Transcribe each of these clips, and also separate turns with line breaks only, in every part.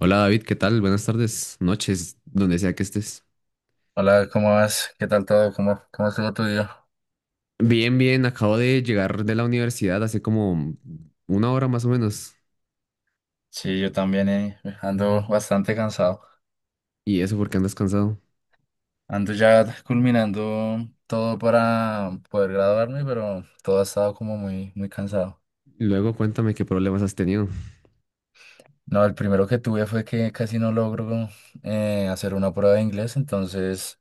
Hola David, ¿qué tal? Buenas tardes, noches, donde sea que estés.
Hola, ¿cómo vas? ¿Qué tal todo? ¿Cómo estuvo tu día?
Bien, bien, acabo de llegar de la universidad hace como una hora más o menos.
Sí, yo también ando bastante cansado.
Y eso porque andas cansado.
Ando ya culminando todo para poder graduarme, pero todo ha estado como muy cansado.
Luego cuéntame qué problemas has tenido.
No, el primero que tuve fue que casi no logro hacer una prueba de inglés, entonces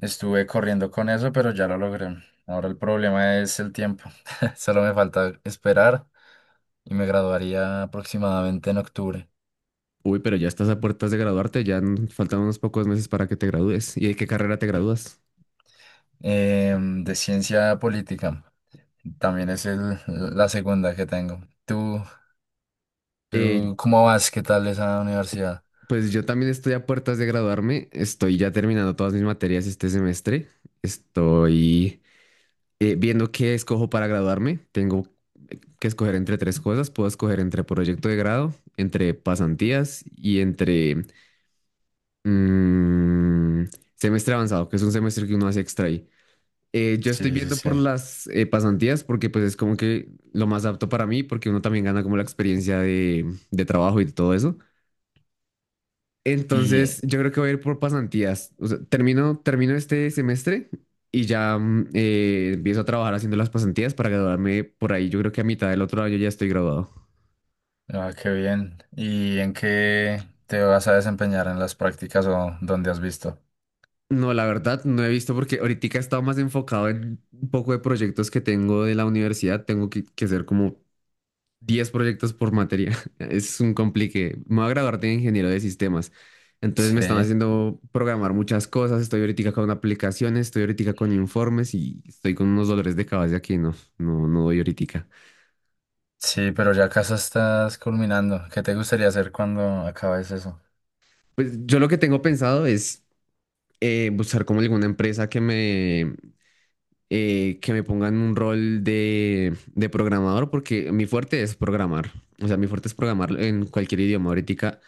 estuve corriendo con eso, pero ya lo logré. Ahora el problema es el tiempo. Solo me falta esperar y me graduaría aproximadamente en octubre.
Uy, pero ya estás a puertas de graduarte, ya faltan unos pocos meses para que te gradúes. ¿Y de qué carrera te gradúas?
De ciencia política. También es la segunda que tengo. ¿Tú,
Eh,
tú cómo vas? ¿Qué tal esa universidad?
pues yo también estoy a puertas de graduarme, estoy ya terminando todas mis materias este semestre. Estoy viendo qué escojo para graduarme, tengo que escoger entre tres cosas. Puedo escoger entre proyecto de grado, entre pasantías y entre mm, semestre avanzado, que es un semestre que uno hace extra ahí. Yo estoy
Sí, sí,
viendo
sí.
por las pasantías porque pues es como que lo más apto para mí porque uno también gana como la experiencia de trabajo y todo eso.
Y,
Entonces, yo creo que voy a ir por pasantías. O sea, termino este semestre y ya empiezo a trabajar haciendo las pasantías para graduarme por ahí. Yo creo que a mitad del otro año ya estoy graduado.
ah, qué bien. ¿Y en qué te vas a desempeñar en las prácticas o dónde has visto?
No, la verdad, no he visto porque ahorita he estado más enfocado en un poco de proyectos que tengo de la universidad. Tengo que hacer como 10 proyectos por materia. Es un complique. Me voy a graduar de ingeniero de sistemas. Entonces me
Sí,
están haciendo programar muchas cosas. Estoy ahorita con aplicaciones, estoy ahorita con informes y estoy con unos dolores de cabeza que no doy ahorita.
sí, pero ya casa estás culminando. ¿Qué te gustaría hacer cuando acabes eso?
Pues yo lo que tengo pensado es buscar como alguna empresa que que me ponga en un rol de programador porque mi fuerte es programar. O sea, mi fuerte es programar en cualquier idioma. Ahorita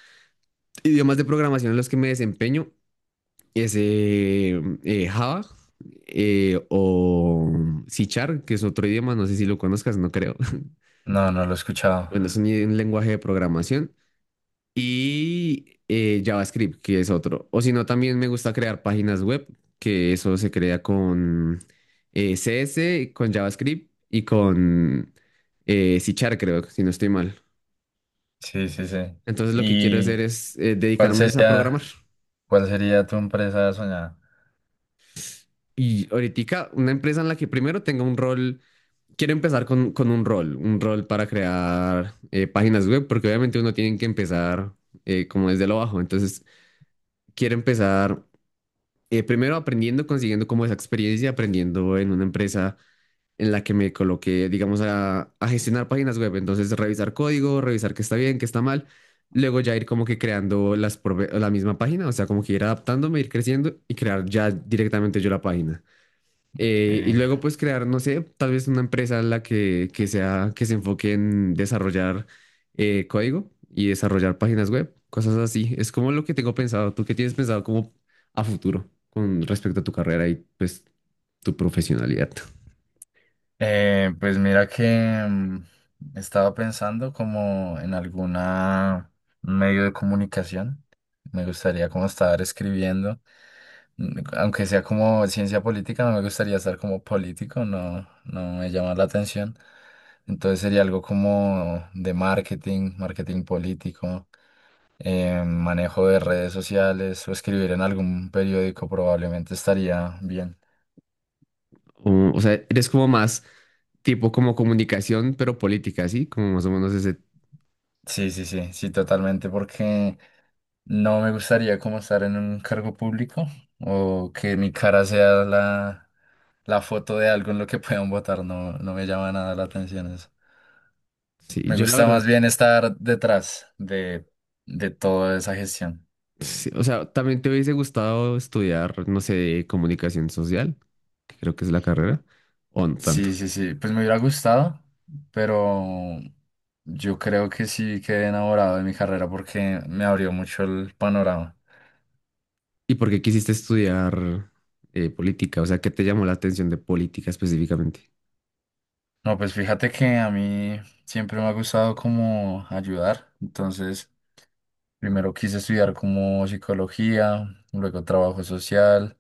idiomas de programación en los que me desempeño es Java o C Sharp, que es otro idioma, no sé si lo conozcas, no creo.
No, no lo he escuchado.
Bueno, es un lenguaje de programación. Y JavaScript, que es otro. O si no, también me gusta crear páginas web, que eso se crea con CS, con JavaScript y con C Sharp, creo, si no estoy mal.
Sí, sí, sí.
Entonces lo que quiero hacer
¿Y
es
cuál
dedicarme es a
sería,
programar.
cuál sería tu empresa soñada?
Y ahorita una empresa en la que primero tenga un rol quiero empezar con un rol para crear páginas web, porque obviamente uno tiene que empezar como desde lo bajo. Entonces, quiero empezar primero aprendiendo, consiguiendo como esa experiencia, aprendiendo en una empresa en la que me coloqué, digamos, a gestionar páginas web. Entonces, revisar código, revisar qué está bien, qué está mal. Luego ya ir como que creando las, la misma página, o sea, como que ir adaptándome, ir creciendo y crear ya directamente yo la página. Y
Ok.
luego pues crear, no sé, tal vez una empresa en que sea, que se enfoque en desarrollar código y desarrollar páginas web, cosas así. Es como lo que tengo pensado. ¿Tú qué tienes pensado como a futuro con respecto a tu carrera y pues tu profesionalidad?
Pues mira que mm, estaba pensando como en alguna medio de comunicación. Me gustaría como estar escribiendo, mm, aunque sea como ciencia política, no me gustaría estar como político, no, no me llama la atención. Entonces sería algo como de marketing, marketing político, manejo de redes sociales o escribir en algún periódico probablemente estaría bien.
O sea, eres como más tipo como comunicación, pero política, ¿sí? Como más o menos ese...
Sí, sí, sí, sí, totalmente, porque no me gustaría como estar en un cargo público o que mi cara sea la foto de algo en lo que puedan votar. No, no me llama nada la atención eso.
Sí,
Me
yo la
gusta
verdad...
más bien estar detrás de toda esa gestión.
Sí, o sea, también te hubiese gustado estudiar, no sé, comunicación social, que creo que es la carrera, o no tanto.
Sí, sí, sí. Pues me hubiera gustado, pero yo creo que sí quedé enamorado de mi carrera porque me abrió mucho el panorama.
¿Y por qué quisiste estudiar política? O sea, ¿qué te llamó la atención de política específicamente?
No, pues fíjate que a mí siempre me ha gustado como ayudar. Entonces, primero quise estudiar como psicología, luego trabajo social,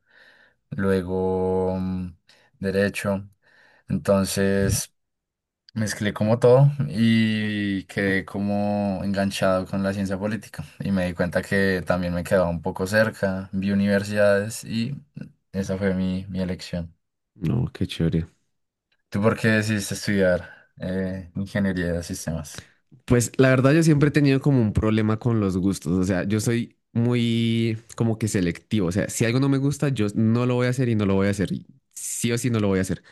luego mm, derecho. Entonces mezclé como todo y quedé como enganchado con la ciencia política. Y me di cuenta que también me quedaba un poco cerca, vi universidades y esa fue mi elección.
No, qué chévere.
¿Tú por qué decidiste estudiar ingeniería de sistemas?
Pues la verdad yo siempre he tenido como un problema con los gustos, o sea, yo soy muy como que selectivo, o sea, si algo no me gusta, yo no lo voy a hacer y no lo voy a hacer, y sí o sí no lo voy a hacer.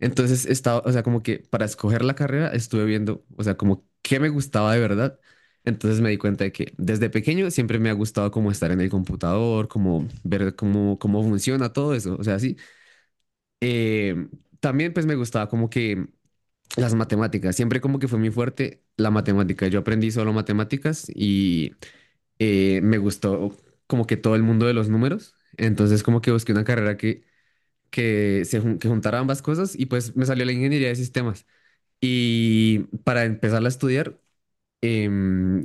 Entonces estaba, o sea, como que para escoger la carrera estuve viendo, o sea, como qué me gustaba de verdad. Entonces me di cuenta de que desde pequeño siempre me ha gustado como estar en el computador, como ver cómo funciona todo eso, o sea, sí. Eh, También pues me gustaba como que las matemáticas, siempre como que fue muy fuerte la matemática. Yo aprendí solo matemáticas y me gustó como que todo el mundo de los números. Entonces como que busqué una carrera que se que juntara ambas cosas y pues me salió la ingeniería de sistemas. Y para empezarla a estudiar, em,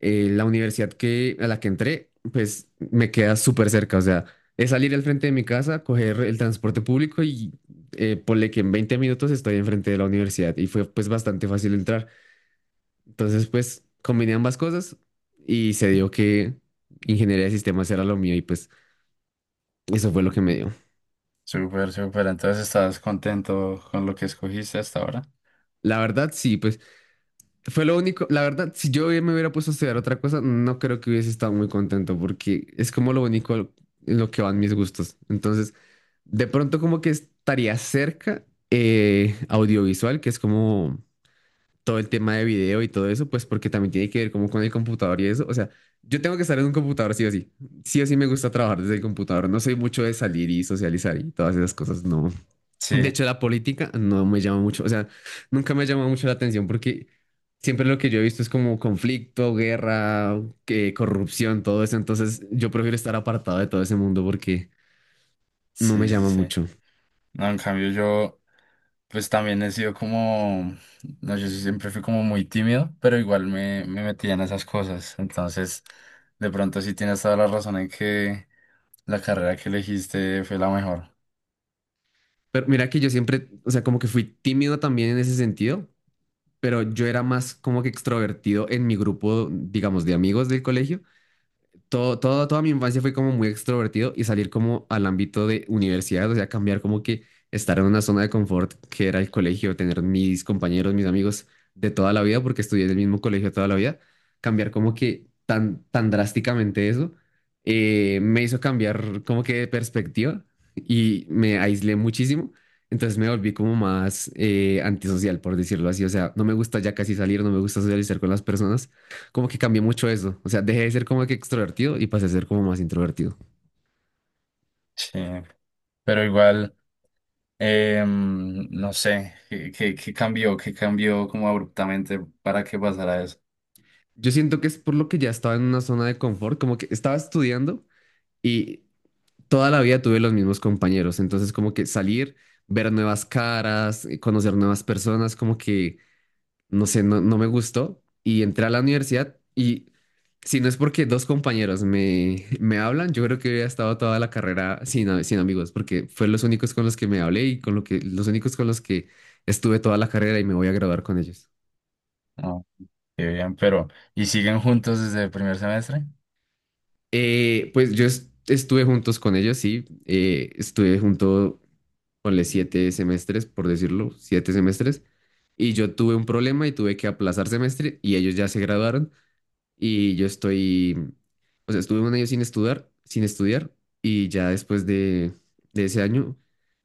la universidad que, a la que entré, pues me queda súper cerca. O sea, es salir al frente de mi casa, coger el transporte público y ponle que en 20 minutos estoy enfrente de la universidad. Y fue pues bastante fácil entrar. Entonces, pues combiné ambas cosas y se dio que ingeniería de sistemas era lo mío y pues eso fue lo que me
Ujú.
dio.
Súper, súper. Entonces, ¿estás contento con lo que escogiste hasta ahora?
La verdad, sí, pues... Fue lo único, la verdad, si yo me hubiera puesto a estudiar otra cosa, no creo que hubiese estado muy contento porque es como lo único en lo que van mis gustos. Entonces, de pronto como que estaría cerca audiovisual, que es como todo el tema de video y todo eso, pues porque también tiene que ver como con el computador y eso. O sea, yo tengo que estar en un computador sí o sí. Sí o sí me gusta trabajar desde el computador. No soy mucho de salir y socializar y todas esas cosas, no. De
Sí,
hecho, la política no me llama mucho, o sea, nunca me ha llamado mucho la atención porque siempre lo que yo he visto es como conflicto, guerra, corrupción, todo eso. Entonces, yo prefiero estar apartado de todo ese mundo porque no me
sí, sí,
llama
sí.
mucho.
No, en cambio yo, pues también he sido como, no, yo sí siempre fui como muy tímido, pero igual me metía en esas cosas. Entonces, de pronto sí tienes toda la razón en que la carrera que elegiste fue la mejor.
Pero mira que yo siempre, o sea, como que fui tímido también en ese sentido, pero yo era más como que extrovertido en mi grupo, digamos, de amigos del colegio. Toda mi infancia fue como muy extrovertido y salir como al ámbito de universidad, o sea, cambiar como que estar en una zona de confort que era el colegio, tener mis compañeros, mis amigos de toda la vida, porque estudié en el mismo colegio toda la vida, cambiar como que tan drásticamente eso, me hizo cambiar como que de perspectiva y me aislé muchísimo. Entonces me volví como más antisocial, por decirlo así. O sea, no me gusta ya casi salir, no me gusta socializar con las personas como que cambié mucho eso. O sea, dejé de ser como que extrovertido y pasé a ser como más introvertido.
Sí, pero igual, em, no sé, ¿qué cambió? ¿Qué cambió como abruptamente para que pasara eso?
Yo siento que es por lo que ya estaba en una zona de confort, como que estaba estudiando y toda la vida tuve los mismos compañeros. Entonces, como que salir, ver nuevas caras, conocer nuevas personas, como que no sé, no me gustó y entré a la universidad y si no es porque dos compañeros me hablan, yo creo que hubiera estado toda la carrera sin, sin amigos porque fue los únicos con los que me hablé y con lo que, los únicos con los que estuve toda la carrera y me voy a graduar con ellos.
No, qué bien, pero ¿y siguen juntos desde el primer semestre?
Pues yo estuve juntos con ellos, sí, estuve junto, ponle siete semestres, por decirlo, 7 semestres. Y yo tuve un problema y tuve que aplazar semestre y ellos ya se graduaron. Y yo estoy, o sea, estuve un año sin estudiar, sin estudiar y ya después de ese año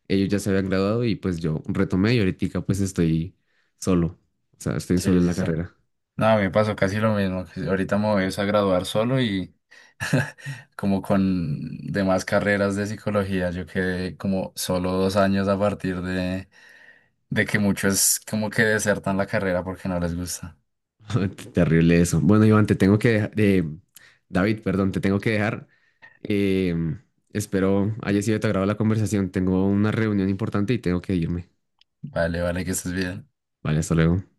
ellos ya se habían graduado y pues yo retomé y ahorita pues estoy solo, o sea, estoy solo
Sí,
en
sí,
la
sí.
carrera.
No, a mí me pasó casi lo mismo. Que ahorita me voy es a graduar solo y como con demás carreras de psicología, yo quedé como solo 2 años a partir de que muchos como que desertan la carrera porque no les gusta.
Terrible eso. Bueno, Iván, te tengo que dejar, David, perdón, te tengo que dejar. Em, Espero haya sido de tu agrado la conversación. Tengo una reunión importante y tengo que irme.
Vale, vale, que estés bien.
Vale, hasta luego.